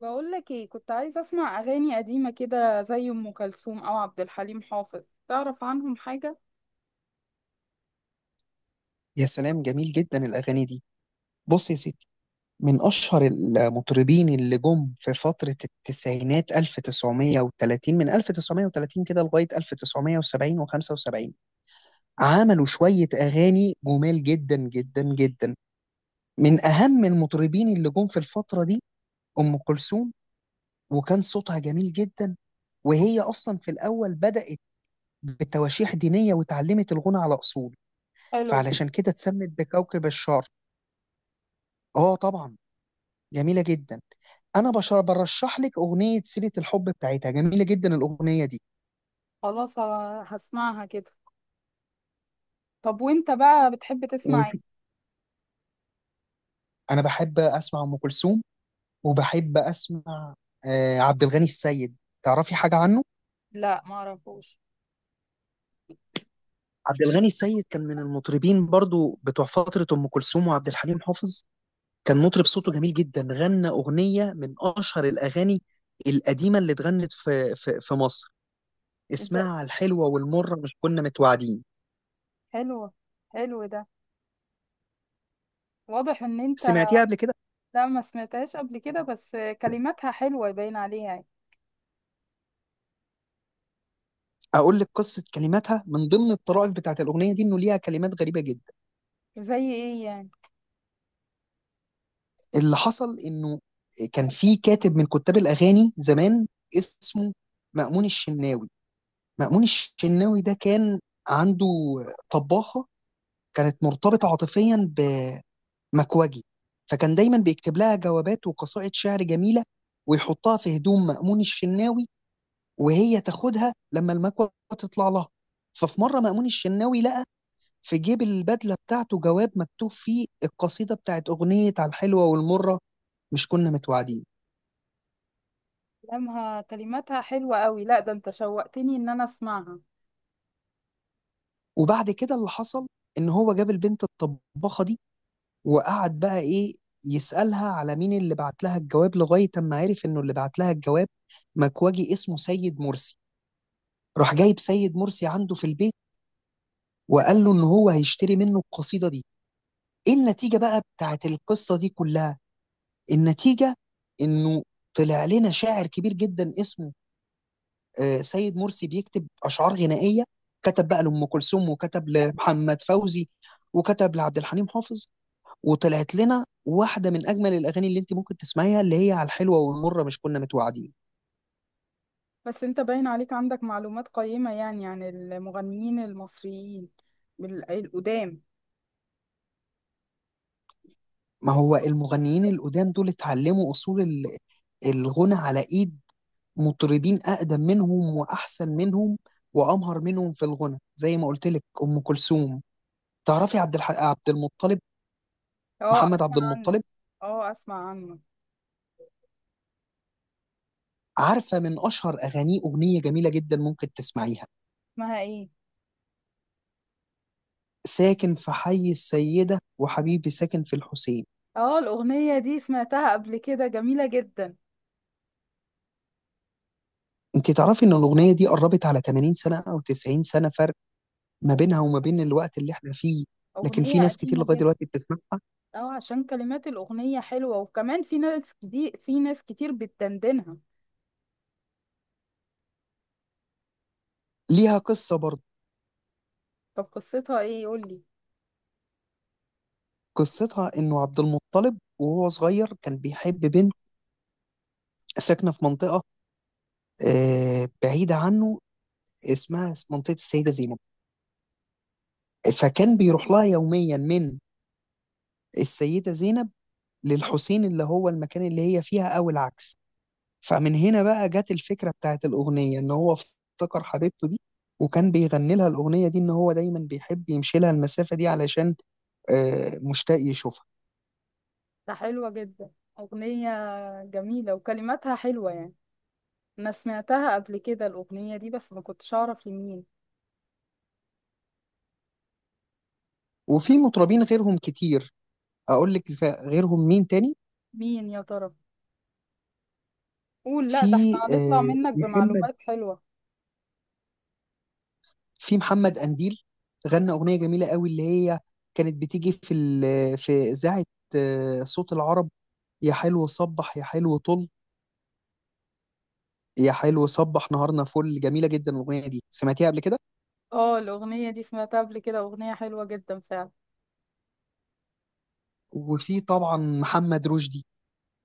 بقول لك ايه، كنت عايزه اسمع اغاني قديمه كده زي ام كلثوم او عبد الحليم حافظ. تعرف عنهم حاجه؟ يا سلام، جميل جدا الأغاني دي. بص يا ستي، من أشهر المطربين اللي جم في فترة التسعينات 1930 من 1930 كده لغاية 1970 و75، عملوا شوية أغاني جمال جدا جدا جدا. من أهم المطربين اللي جم في الفترة دي أم كلثوم، وكان صوتها جميل جدا. وهي أصلا في الأول بدأت بتواشيح دينية وتعلمت الغنى على أصول، حلو جدا. فعلشان كده اتسمت بكوكب الشرق. اه، طبعا جميله جدا. انا بشر برشح لك اغنيه سيره الحب بتاعتها، جميله جدا الاغنيه دي. خلاص هسمعها كده. طب وانت بقى بتحب وانا تسمع ايه؟ بحب اسمع ام كلثوم، وبحب اسمع عبد الغني السيد. تعرفي حاجه عنه؟ لا ما اعرفوش. عبد الغني السيد كان من المطربين برضو بتوع فتره ام كلثوم وعبد الحليم حافظ. كان مطرب صوته جميل جدا، غنى اغنيه من اشهر الاغاني القديمه اللي اتغنت في مصر، انت اسمها الحلوه والمره مش كنا متوعدين. حلو. حلو ده. واضح ان انت. سمعتيها قبل كده؟ لا ما سمعتهاش قبل كده، بس كلماتها حلوه باين عليها يعني. اقول لك قصه كلماتها. من ضمن الطرائف بتاعت الاغنيه دي انه ليها كلمات غريبه جدا. زي ايه يعني؟ اللي حصل انه كان في كاتب من كتاب الاغاني زمان اسمه مأمون الشناوي. مأمون الشناوي ده كان عنده طباخه، كانت مرتبطه عاطفيا بمكوجي، فكان دايما بيكتب لها جوابات وقصائد شعر جميله ويحطها في هدوم مأمون الشناوي، وهي تاخدها لما المكوه تطلع لها. ففي مره مأمون الشناوي لقى في جيب البدلة بتاعته جواب مكتوب فيه القصيدة بتاعت أغنية على الحلوة والمرة مش كنا متوعدين. كلامها كلماتها حلوه قوي، لا ده انت شوقتني ان انا اسمعها. وبعد كده اللي حصل إن هو جاب البنت الطباخة دي، وقعد بقى إيه، يسألها على مين اللي بعت لها الجواب، لغاية أما عرف إنه اللي بعت لها الجواب مكواجي اسمه سيد مرسي. راح جايب سيد مرسي عنده في البيت، وقال له إن هو هيشتري منه القصيدة دي. إيه النتيجة بقى بتاعت القصة دي كلها؟ النتيجة إنه طلع لنا شاعر كبير جدا اسمه سيد مرسي، بيكتب اشعار غنائيه. كتب بقى لام كلثوم، وكتب لمحمد فوزي، وكتب لعبد الحليم حافظ، وطلعت لنا واحده من اجمل الاغاني اللي انت ممكن تسمعيها، اللي هي على الحلوه والمره مش كنا متوعدين. بس انت باين عليك عندك معلومات قيمة يعني عن المغنيين المصريين القدام. ما هو المغنيين القدام دول اتعلموا اصول الغنى على ايد مطربين اقدم منهم واحسن منهم وامهر منهم في الغنى، زي ما قلت لك ام كلثوم. تعرفي عبد المطلب؟ اه محمد عبد اسمع عنه. المطلب. اه اسمع عنه. عارفة من أشهر أغانيه أغنية جميلة جدا ممكن تسمعيها: اسمها ايه؟ ساكن في حي السيدة وحبيبي ساكن في الحسين. اه الأغنية دي سمعتها قبل كده، جميلة جدا. أنت تعرفي إن الأغنية دي قربت على 80 سنة أو 90 سنة فرق ما أغ- بينها وما بين الوقت اللي إحنا فيه؟ لكن في أغنية ناس كتير قديمة لغاية جدا. دلوقتي بتسمعها. اه عشان كلمات الأغنية حلوة، وكمان في ناس دي، في ناس كتير بتدندنها. ليها قصة برضه. طب قصتها ايه؟ قولي. قصتها إنه عبد المطلب وهو صغير كان بيحب بنت ساكنة في منطقة بعيدة عنه، اسمها منطقة السيدة زينب. فكان بيروح لها يوميا من السيدة زينب للحسين اللي هو المكان اللي هي فيها، أو العكس. فمن هنا بقى جت الفكرة بتاعت الأغنية، إن هو افتكر حبيبته دي وكان بيغني لها الأغنية دي، إن هو دايما بيحب يمشي لها المسافة دي علشان مشتاق يشوفها. ده حلوة جدا. أغنية جميلة وكلماتها حلوة يعني. أنا سمعتها قبل كده الأغنية دي، بس ما كنتش أعرف لمين. وفي مطربين غيرهم كتير. أقول لك غيرهم مين تاني. مين يا ترى؟ قول، لا ده في احنا هنطلع منك محمد، بمعلومات حلوة. في محمد قنديل، غنى أغنية جميلة قوي، اللي هي كانت بتيجي في في إذاعة صوت العرب: يا حلو صبح، يا حلو طل، يا حلو صبح نهارنا فل. جميلة جدا الأغنية دي. سمعتيها قبل كده؟ اه الأغنية دي سمعتها قبل كده، أغنية حلوة جدا فعلا. وفي طبعا محمد رشدي.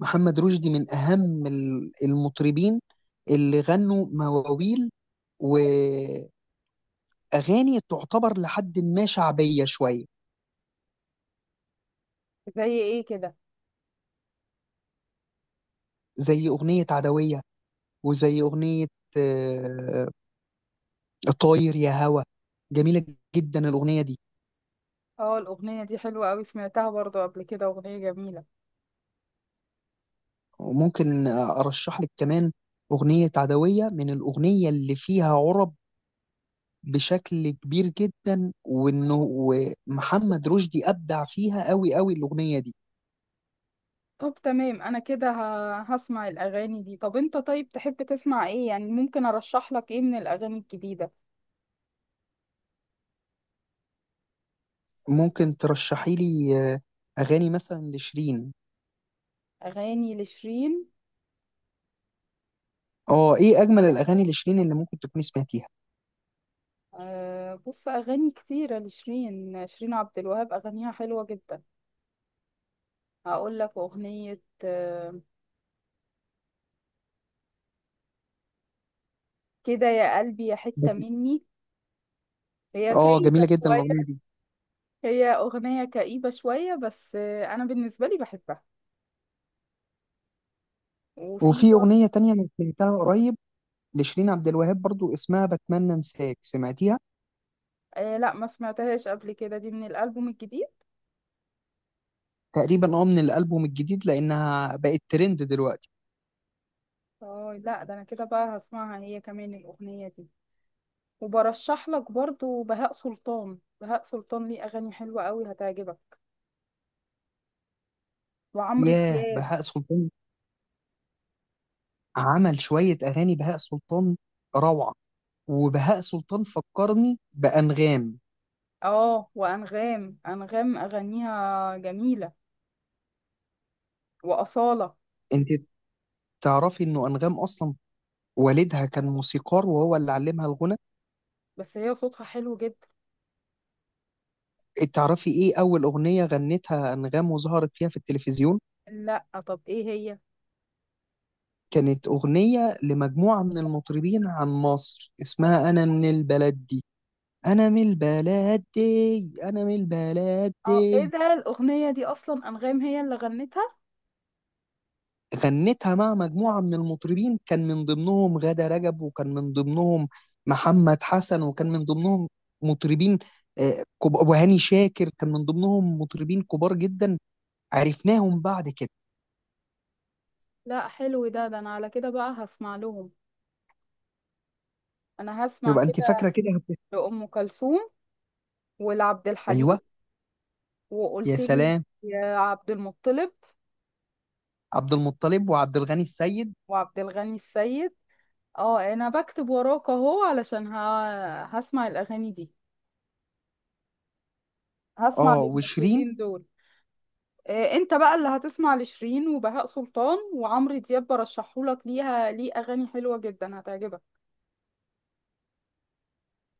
محمد رشدي من أهم المطربين اللي غنوا مواويل وأغاني تعتبر لحد ما شعبية شوية. زي ايه كده؟ زي أغنية عدوية، وزي أغنية آه، طاير يا هوا. جميلة جدا الأغنية دي. اه الأغنية دي حلوة أوي، سمعتها برضو قبل كده، أغنية جميلة. وممكن أرشح لك كمان أغنية عدوية، من الأغنية اللي فيها عرب بشكل كبير جدا، وانه محمد رشدي ابدع فيها قوي قوي الاغنيه دي. طب تمام، أنا كده هسمع الأغاني دي. طب أنت، طيب تحب تسمع ايه يعني؟ ممكن أرشح لك ايه من الأغاني الجديدة؟ ممكن ترشحي لي اغاني مثلا لشيرين. أغاني لشيرين. اه، ايه اجمل الاغاني لشيرين اللي ممكن تكوني سمعتيها؟ أه بص، أغاني كتيرة لشيرين، شيرين عبد الوهاب أغانيها حلوة جدا. هقول لك أغنية كده يا قلبي يا حتة مني. هي اه، كئيبة جميله جدا شوية. الاغنيه دي. هي أغنية كئيبة شوية، بس أنا بالنسبة لي بحبها. وفي. وفي اغنيه تانية انا سمعتها قريب لشيرين عبد الوهاب برضو، اسمها بتمنى انساك. سمعتيها؟ آه لا ما سمعتهاش قبل كده، دي من الألبوم الجديد. تقريبا اه من الالبوم الجديد، لانها بقت ترند دلوقتي. اه، لا ده أنا كده بقى هسمعها هي كمان الأغنية دي. وبرشح لك برضو بهاء سلطان، بهاء سلطان ليه أغاني حلوة قوي هتعجبك. وعمرو ياه، دياب. بهاء سلطان عمل شويه اغاني. بهاء سلطان روعه. وبهاء سلطان فكرني بأنغام. اه وأنغام، أنغام أغانيها جميلة. وأصالة. انت تعرفي انه أنغام أصلا والدها كان موسيقار وهو اللي علمها الغنى؟ بس هي صوتها حلو جدا. تعرفي ايه أول أغنية غنتها أنغام وظهرت فيها في التلفزيون؟ لا، طب ايه هي؟ كانت أغنية لمجموعة من المطربين عن مصر اسمها أنا من البلد دي، أنا من البلد دي، أنا من البلد اه ايه دي. ده، الأغنية دي أصلا أنغام هي اللي غنتها؟ غنتها مع مجموعة من المطربين، كان من ضمنهم غادة رجب، وكان من ضمنهم محمد حسن، وكان من ضمنهم مطربين وهاني شاكر. كان من ضمنهم مطربين كبار جدا عرفناهم بعد كده. لا حلو ده، ده انا على كده بقى هسمع لهم. انا هسمع يبقى انت كده فاكرة كده. لأم كلثوم، ولعبد ايوه. الحليم. يا وقلت لي سلام. يا عبد المطلب، عبد المطلب وعبد الغني السيد. وعبد الغني السيد. اه انا بكتب وراك اهو علشان ه... هسمع الاغاني دي، هسمع اه، وشيرين. للمطربين دول. انت بقى اللي هتسمع لشيرين وبهاء سلطان وعمرو دياب، برشحهولك، ليها ليه اغاني حلوة جدا هتعجبك.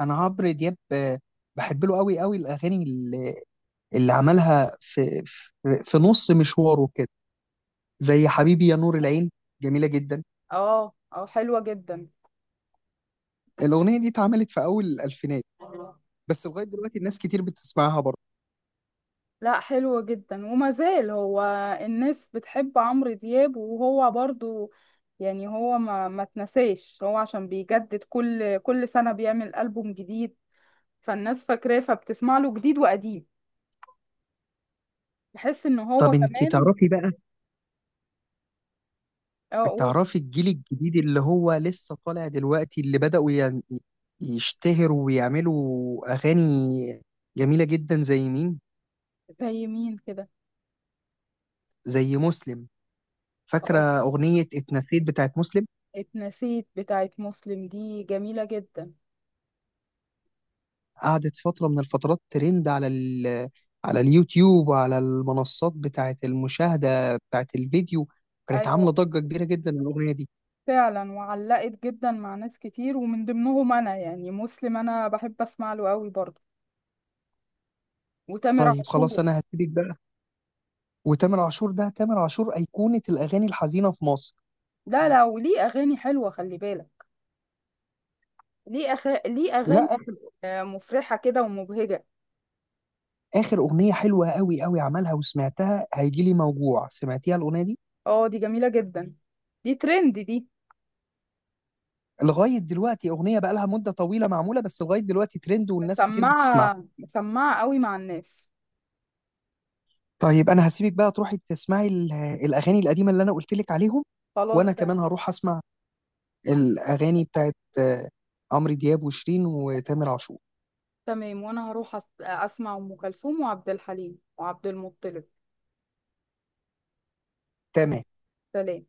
انا عمرو دياب بحب له قوي قوي، الاغاني اللي عملها في نص مشواره كده، زي حبيبي يا نور العين. جميلة جدا اه اه حلوة جدا. الأغنية دي، اتعملت في أول الألفينات، بس لغاية دلوقتي الناس كتير بتسمعها برضه. لا حلو جدا، وما زال هو، الناس بتحب عمرو دياب، وهو برضو يعني هو، ما تنساش هو عشان بيجدد، كل سنة بيعمل ألبوم جديد، فالناس فاكراه فبتسمع له جديد وقديم. بحس ان هو طب انت كمان. تعرفي بقى، اقول. تعرفي الجيل الجديد اللي هو لسه طالع دلوقتي اللي بدأوا يشتهروا ويعملوا أغاني جميلة جدا زي مين؟ زي مين كده؟ زي مسلم. فاكرة أقول، أغنية اتنسيت بتاعت مسلم؟ اتنسيت بتاعت مسلم دي جميلة جدا. قعدت فترة من الفترات ترند على اليوتيوب وعلى المنصات بتاعت المشاهدة بتاعت الفيديو. كانت عاملة ايوه، ضجة كبيرة جدا الأغنية دي. فعلا وعلقت جدا مع ناس كتير ومن ضمنهم انا، يعني مسلم انا بحب اسمع له قوي برضو. وتامر طيب خلاص، عاشور. أنا هسيبك بقى. وتامر عاشور ده، تامر عاشور أيقونة الأغاني الحزينة في مصر. لا لا، وليه اغاني حلوه خلي بالك. ليه أخ... ليه اغاني لا، آخر مفرحه كده ومبهجه. آخر أغنية حلوة قوي قوي عملها وسمعتها هيجي لي موجوع. سمعتيها الأغنية دي؟ اه دي جميله جدا، دي ترند دي. لغاية دلوقتي أغنية بقى لها مدة طويلة معمولة، بس لغاية دلوقتي ترند والناس كتير بتسمعها. مسمعه مسمعه قوي مع الناس. طيب أنا هسيبك بقى تروحي تسمعي الأغاني القديمة اللي أنا قلت لك عليهم. خلاص وأنا كمان تمام. هروح أسمع الأغاني بتاعت عمرو دياب وشيرين وتامر عاشور. تمام، وانا هروح أس... اسمع ام كلثوم وعبد الحليم وعبد المطلب. تمام. سلام.